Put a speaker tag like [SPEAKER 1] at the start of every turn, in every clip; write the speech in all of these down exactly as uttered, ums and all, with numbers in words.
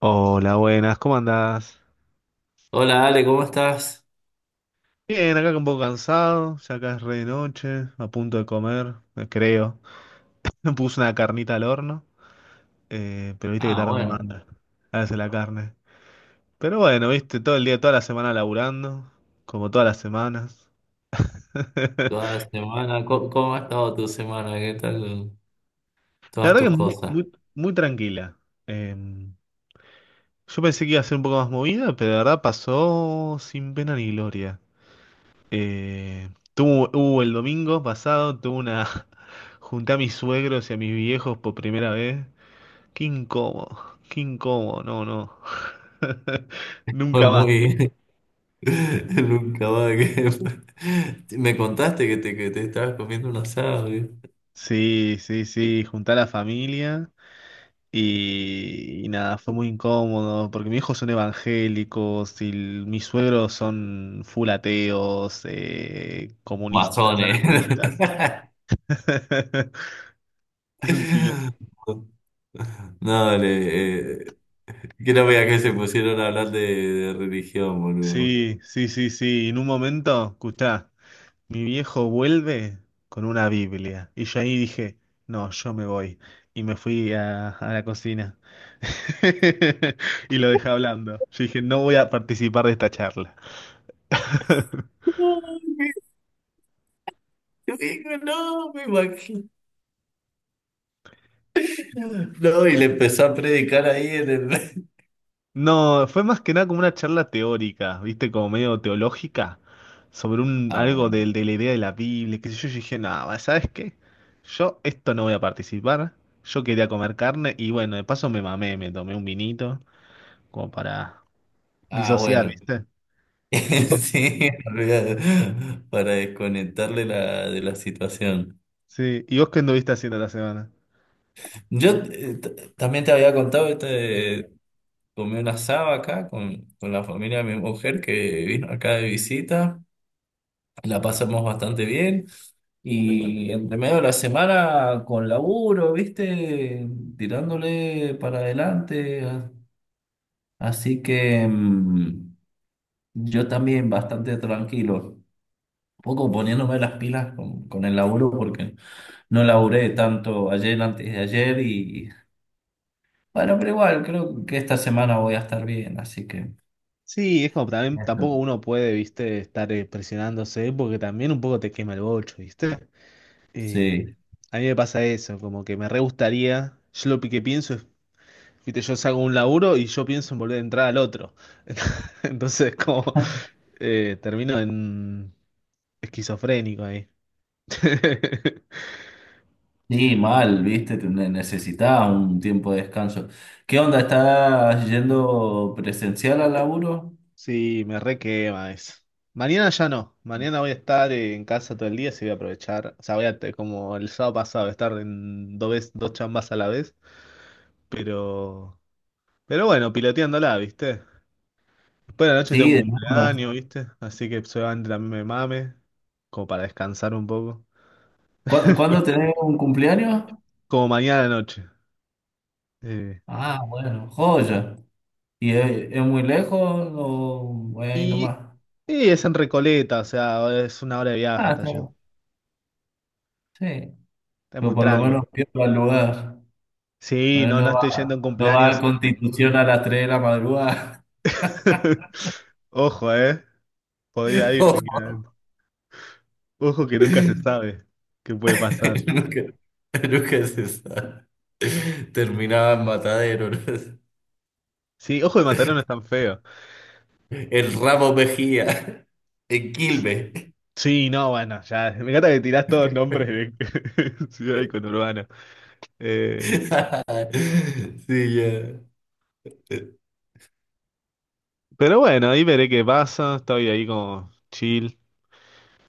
[SPEAKER 1] Hola, buenas, ¿cómo andás?
[SPEAKER 2] Hola Ale, ¿cómo estás?
[SPEAKER 1] Bien, acá un poco cansado, ya acá es re de noche, a punto de comer, eh, creo. Me puse una carnita al horno, eh, pero viste que
[SPEAKER 2] Ah,
[SPEAKER 1] tarda una
[SPEAKER 2] bueno,
[SPEAKER 1] banda. Hace la carne. Pero bueno, viste, todo el día, toda la semana laburando, como todas las semanas.
[SPEAKER 2] toda la semana. ¿Cómo, cómo ha estado tu semana? ¿Qué tal
[SPEAKER 1] La
[SPEAKER 2] todas
[SPEAKER 1] verdad
[SPEAKER 2] tus
[SPEAKER 1] que es muy,
[SPEAKER 2] cosas?
[SPEAKER 1] muy, muy tranquila. Eh, yo pensé que iba a ser un poco más movida, pero la verdad pasó sin pena ni gloria. Eh, tuvo, hubo el domingo pasado, tuve una... Junté a mis suegros y a mis viejos por primera vez. Qué incómodo, qué incómodo, no, no.
[SPEAKER 2] Fue
[SPEAKER 1] Nunca más.
[SPEAKER 2] muy... Nunca va que... Me contaste que te, que te estabas comiendo un asado, ¿eh?
[SPEAKER 1] Sí, sí, sí, junté a la familia y, y nada, fue muy incómodo porque mis hijos son evangélicos y l- mis suegros son full ateos, eh, comunistas,
[SPEAKER 2] Masones.
[SPEAKER 1] anarquistas. Es un kilo.
[SPEAKER 2] No, Ale, eh, que no veas que se pusieron a hablar de, de religión, boludo.
[SPEAKER 1] Sí, sí, sí, sí. En un momento, escuchá. Mi viejo vuelve con una Biblia. Y yo ahí dije, no, yo me voy. Y me fui a, a la cocina. Y lo dejé hablando. Yo dije, no voy a participar de esta charla.
[SPEAKER 2] No, qué digo, no, me imagino. No, y le empezó a predicar ahí en el...
[SPEAKER 1] No, fue más que nada como una charla teórica, ¿viste? Como medio teológica, sobre un,
[SPEAKER 2] Ah,
[SPEAKER 1] algo
[SPEAKER 2] bueno.
[SPEAKER 1] del- de, la idea de la Biblia, qué sé yo. Yo dije, no, ¿sabes qué? Yo esto no voy a participar. Yo quería comer carne y bueno, de paso me mamé, me tomé un vinito como para
[SPEAKER 2] Ah,
[SPEAKER 1] disociar,
[SPEAKER 2] bueno.
[SPEAKER 1] ¿viste?
[SPEAKER 2] Sí, olvidado, para desconectarle la, de la situación.
[SPEAKER 1] Sí, ¿y vos qué anduviste haciendo la semana?
[SPEAKER 2] Yo eh, t- también te había contado, este, comí una asado acá con, con la familia de mi mujer que vino acá de visita. La pasamos bastante bien. Y entre medio de la semana con laburo, ¿viste? Tirándole para adelante. Así que mm, yo también bastante tranquilo. Poco poniéndome las pilas con, con el laburo porque no laburé tanto ayer antes de ayer y bueno, pero igual creo que esta semana voy a estar bien, así que
[SPEAKER 1] Sí, es como también tampoco
[SPEAKER 2] eso.
[SPEAKER 1] uno puede, viste, estar eh, presionándose porque también un poco te quema el bocho, ¿viste? Eh,
[SPEAKER 2] Sí,
[SPEAKER 1] a mí me pasa eso, como que me re gustaría, yo lo que pienso es, viste, yo salgo de un laburo y yo pienso en volver a entrar al otro. Entonces, como eh, termino en esquizofrénico ahí.
[SPEAKER 2] sí, mal, viste, te- ne- necesitaba un tiempo de descanso. ¿Qué onda? ¿Estás yendo presencial al laburo?
[SPEAKER 1] Sí, me re quema eso. Mañana ya no. Mañana voy a estar en casa todo el día, así voy a aprovechar. O sea, voy a, te- como el sábado pasado, estar en dos, vez- dos chambas a la vez. Pero, pero bueno, piloteándola, ¿viste? Después de la noche tengo
[SPEAKER 2] Sí,
[SPEAKER 1] un
[SPEAKER 2] de todas.
[SPEAKER 1] cumpleaños, ¿viste? Así que seguramente también me mame, como para descansar un poco.
[SPEAKER 2] ¿Cu- ¿Cuándo tenés un cumpleaños?
[SPEAKER 1] Como mañana de noche. Eh,
[SPEAKER 2] Ah, bueno, joya. ¿Y es, es muy lejos o voy ahí
[SPEAKER 1] y,
[SPEAKER 2] nomás?
[SPEAKER 1] y es en Recoleta, o sea, es una hora de viaje
[SPEAKER 2] Ah,
[SPEAKER 1] hasta
[SPEAKER 2] está
[SPEAKER 1] allá.
[SPEAKER 2] bien. Sí.
[SPEAKER 1] Está
[SPEAKER 2] Pero
[SPEAKER 1] muy
[SPEAKER 2] por lo
[SPEAKER 1] tranqui.
[SPEAKER 2] menos pierda el lugar.
[SPEAKER 1] Sí,
[SPEAKER 2] Eh,
[SPEAKER 1] no, no
[SPEAKER 2] No
[SPEAKER 1] estoy yendo
[SPEAKER 2] va,
[SPEAKER 1] en
[SPEAKER 2] no va a
[SPEAKER 1] cumpleaños.
[SPEAKER 2] Constitución a las tres de la madrugada.
[SPEAKER 1] Ojo, ¿eh? Podría ir
[SPEAKER 2] No.
[SPEAKER 1] tranquilamente. Ojo que nunca se sabe qué puede pasar.
[SPEAKER 2] Nunca, nunca se sabe. Terminaba en Matadero, ¿no?
[SPEAKER 1] Sí, ojo de Mataró no es tan feo.
[SPEAKER 2] El Ramo Mejía. En Quilmes.
[SPEAKER 1] Sí, no, bueno, ya. Me encanta que tirás todos nombres de ciudad y conurbano. Eh,
[SPEAKER 2] Sí, ya.
[SPEAKER 1] pero bueno, ahí veré qué pasa. Estoy ahí como chill.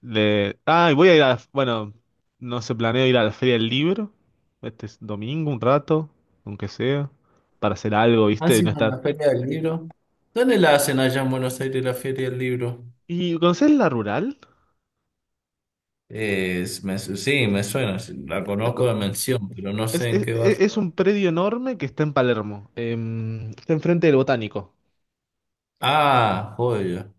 [SPEAKER 1] Le... Ah, y voy a ir a. Bueno, no se planeo ir a la Feria del Libro. Este es domingo, un rato, aunque sea. Para hacer algo, ¿viste? Y no
[SPEAKER 2] Haciendo
[SPEAKER 1] estar.
[SPEAKER 2] la Feria del Libro. ¿Dónde la hacen allá en Buenos Aires la Feria del Libro?
[SPEAKER 1] ¿Y conoces la rural?
[SPEAKER 2] Es- me su- sí, me suena. Sí, la conozco de mención, pero no
[SPEAKER 1] Es,
[SPEAKER 2] sé en
[SPEAKER 1] es-
[SPEAKER 2] qué barrio.
[SPEAKER 1] e, es- un predio enorme que está en Palermo. em, está enfrente del Botánico.
[SPEAKER 2] Ah, joya.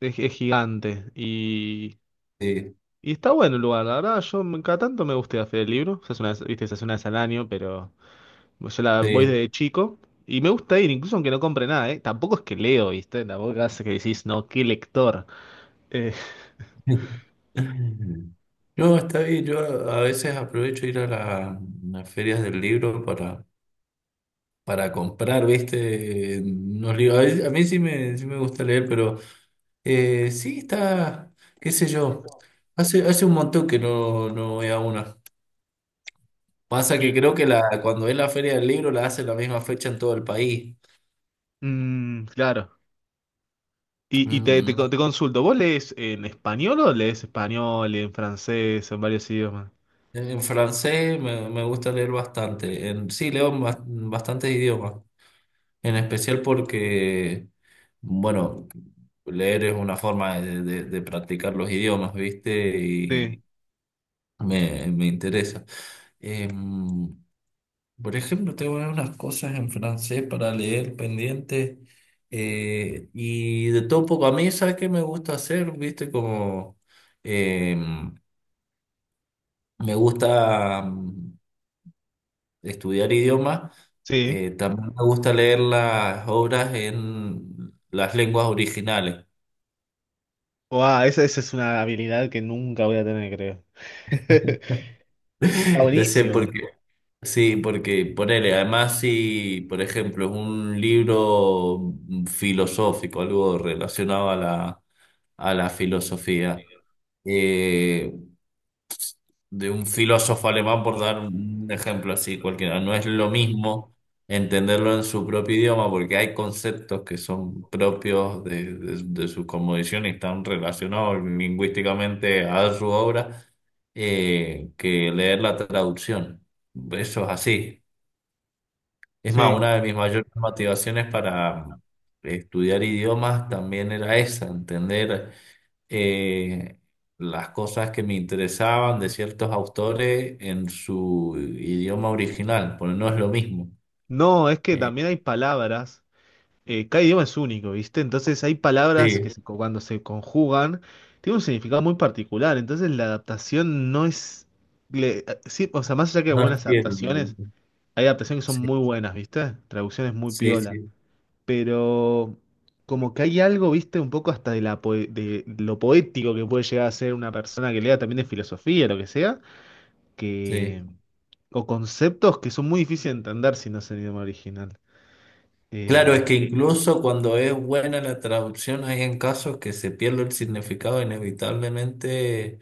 [SPEAKER 1] Es, es gigante. Y,
[SPEAKER 2] Sí,
[SPEAKER 1] y está bueno el lugar. La verdad, yo me- cada tanto me gusta ir a la Feria del Libro. Se hace una, vez- viste, se hace una vez al año, pero yo la voy
[SPEAKER 2] sí.
[SPEAKER 1] desde chico. Y me gusta ir, incluso aunque no compre nada, ¿eh? Tampoco es que leo, ¿viste? Tampoco hace que decís, no, qué lector. Eh,
[SPEAKER 2] No, está bien. Yo a a veces aprovecho ir a la- las ferias del libro para, para comprar, ¿viste? Unos libros. A, veces- a mí sí me, sí me gusta leer, pero eh, sí está, qué sé yo. Hace, hace un montón que no, no voy a una. Pasa
[SPEAKER 1] y,
[SPEAKER 2] que creo que la, cuando es la feria del libro la hace la misma fecha en todo el país.
[SPEAKER 1] mm, claro. Y, y te,
[SPEAKER 2] Mm,
[SPEAKER 1] te,
[SPEAKER 2] no.
[SPEAKER 1] co- te consulto, ¿vos lees en español o lees español, en francés, en varios idiomas?
[SPEAKER 2] En francés me, me gusta leer bastante. En, sí, leo en bas- bastantes idiomas. En especial porque, bueno, leer es una forma de, de- de practicar los idiomas, ¿viste? Y
[SPEAKER 1] Sí,
[SPEAKER 2] me, me interesa. Em, por ejemplo, tengo unas cosas en francés para leer pendientes. Eh, y de todo un poco, a mí, ¿sabes qué me gusta hacer? ¿Viste? Como em, me gusta mm, estudiar idiomas.
[SPEAKER 1] sí.
[SPEAKER 2] Eh, también me gusta leer las obras en las lenguas originales.
[SPEAKER 1] Wow, esa, esa es una habilidad que nunca voy a tener, creo. Está
[SPEAKER 2] Yo sé
[SPEAKER 1] buenísimo.
[SPEAKER 2] porque, sí, porque ponele, además si, por ejemplo, es un libro filosófico, algo relacionado a la, a la filosofía, eh, de un filósofo alemán, por dar un ejemplo así cualquiera. No es lo mismo entenderlo en su propio idioma porque hay conceptos que son propios de, de, de su cosmovisión y están relacionados lingüísticamente a su obra, eh, que leer la traducción. Eso es así. Es más,
[SPEAKER 1] Sí.
[SPEAKER 2] una de mis mayores motivaciones para estudiar idiomas también era esa, entender eh, las cosas que me interesaban de ciertos autores en su idioma original, porque no es lo mismo.
[SPEAKER 1] No, es que
[SPEAKER 2] Eh,
[SPEAKER 1] también hay palabras. eh, cada idioma es único, ¿viste? Entonces hay palabras que
[SPEAKER 2] sí,
[SPEAKER 1] se- cuando se conjugan tienen un significado muy particular. Entonces la adaptación no es. le- eh, sí, o sea, más allá que
[SPEAKER 2] no es
[SPEAKER 1] buenas
[SPEAKER 2] fiel.
[SPEAKER 1] adaptaciones, hay adaptaciones que son
[SPEAKER 2] Sí,
[SPEAKER 1] muy buenas, ¿viste? Traducciones muy
[SPEAKER 2] sí,
[SPEAKER 1] piola.
[SPEAKER 2] sí,
[SPEAKER 1] Pero como que hay algo, viste, un poco hasta de, la poe- de lo poético que puede llegar a ser una persona que lea también de filosofía, lo que sea,
[SPEAKER 2] sí.
[SPEAKER 1] que, o conceptos que son muy difíciles de entender si no es el idioma original.
[SPEAKER 2] Claro, es
[SPEAKER 1] Eh,
[SPEAKER 2] que incluso cuando es buena la traducción, hay en casos que se pierde el significado inevitablemente,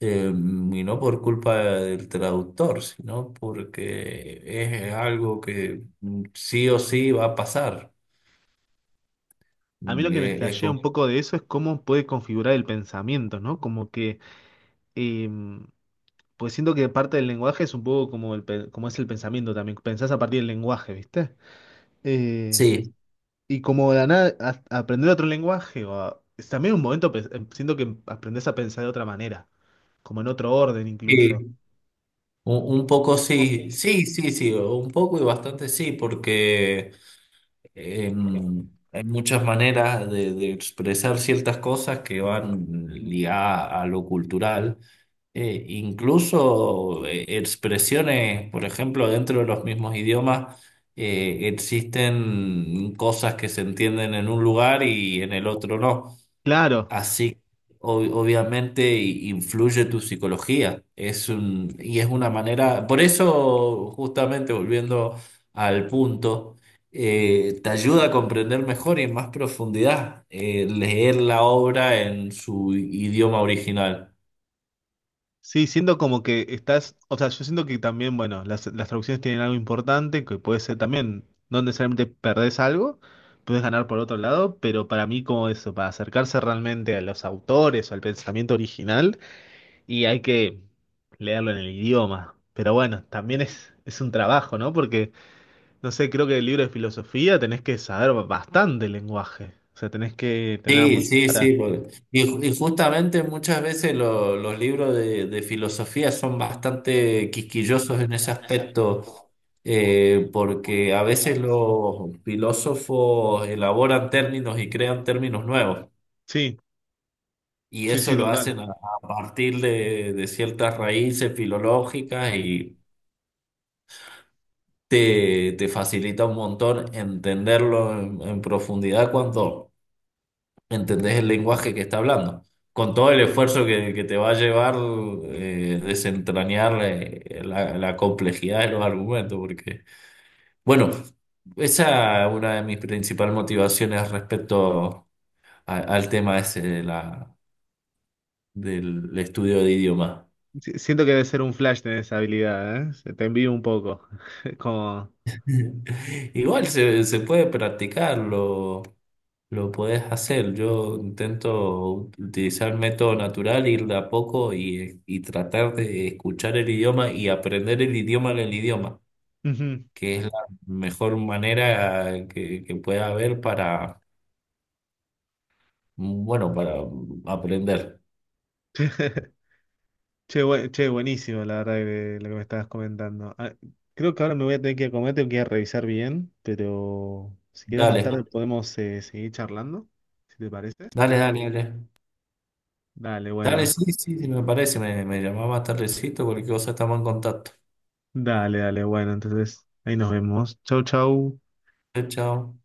[SPEAKER 2] eh, y no por culpa del traductor, sino porque es algo que mm, sí o sí va a pasar.
[SPEAKER 1] a mí lo
[SPEAKER 2] Mm,
[SPEAKER 1] que me
[SPEAKER 2] eh, Es,
[SPEAKER 1] flashea
[SPEAKER 2] como...
[SPEAKER 1] un poco de eso es cómo puede configurar el pensamiento, ¿no? Como que, eh, pues siento que parte del lenguaje es un poco como, el, pe- como es el pensamiento también, pensás a partir del lenguaje, ¿viste? Eh,
[SPEAKER 2] Sí,
[SPEAKER 1] Y como de la nada, a- aprender otro lenguaje, o a- es también un momento, pe- em, siento que aprendes a pensar de otra manera, como en otro orden incluso.
[SPEAKER 2] sí, un, un poco sí, sí, sí, sí, un poco y bastante sí, porque em, hay muchas maneras de, de expresar ciertas cosas que van ligadas a lo cultural. Eh, incluso eh, expresiones, por ejemplo, dentro de los mismos idiomas, eh, existen cosas que se entienden en un lugar y en el otro no.
[SPEAKER 1] Claro,
[SPEAKER 2] Así, ob- obviamente i- influye tu psicología. Es un, y es una manera, por eso, justamente volviendo al punto, eh, te ayuda a comprender mejor y en más profundidad, eh, leer la obra en su idioma original.
[SPEAKER 1] sí, siento como que estás, o sea, yo siento que también, bueno, las, las traducciones tienen algo importante, que puede ser también, no necesariamente perdés algo, puedes ganar por otro lado, pero para mí como eso, para acercarse realmente a los autores o al pensamiento original, y hay que leerlo en el idioma. Pero bueno, también es, es un trabajo, ¿no? Porque... No sé, creo que el libro de filosofía tenés que saber bastante lenguaje. O sea, tenés que tenerla
[SPEAKER 2] Sí,
[SPEAKER 1] muy
[SPEAKER 2] sí,
[SPEAKER 1] clara.
[SPEAKER 2] sí, porque... Y, y justamente muchas veces lo- los libros de, de filosofía son bastante quisquillosos en ese aspecto, eh, porque a veces los filósofos elaboran términos y crean términos nuevos,
[SPEAKER 1] Sí,
[SPEAKER 2] y
[SPEAKER 1] sí,
[SPEAKER 2] eso
[SPEAKER 1] sí,
[SPEAKER 2] lo
[SPEAKER 1] total.
[SPEAKER 2] hacen a, a partir de, de ciertas raíces filológicas y te, te facilita un montón entenderlo en en profundidad cuando... entendés el lenguaje que está hablando, con todo el esfuerzo que, que te va a llevar eh, desentrañar eh, la, la complejidad de los argumentos, porque, bueno, esa es una de mis principales motivaciones respecto a- al tema ese de la, del estudio de idiomas.
[SPEAKER 1] Sí, siento que debe ser un flash tener esa habilidad, ¿eh? Se te envío un poco. Como.
[SPEAKER 2] Igual se, se puede practicarlo. Lo puedes hacer. Yo intento utilizar método natural, ir de a poco y, y tratar de escuchar el idioma y aprender el idioma del idioma,
[SPEAKER 1] Ujú.
[SPEAKER 2] que es la mejor manera que, que pueda haber para, bueno, para aprender.
[SPEAKER 1] Che, bue- che, buenísimo, la verdad, que- lo que me estabas comentando. Ah, creo que ahora me voy a tener que ir a comer, tengo que ir a revisar bien, pero si quieres más
[SPEAKER 2] Dale,
[SPEAKER 1] tarde podemos eh, seguir charlando, si te parece.
[SPEAKER 2] dale, dale, dale.
[SPEAKER 1] Dale,
[SPEAKER 2] Dale,
[SPEAKER 1] bueno.
[SPEAKER 2] sí, sí, sí, me parece. Me, me llamaba más tardecito, cualquier cosa estamos en contacto.
[SPEAKER 1] Dale, dale, bueno. Entonces, ahí nos vemos. Chau, chau.
[SPEAKER 2] Chao, chao.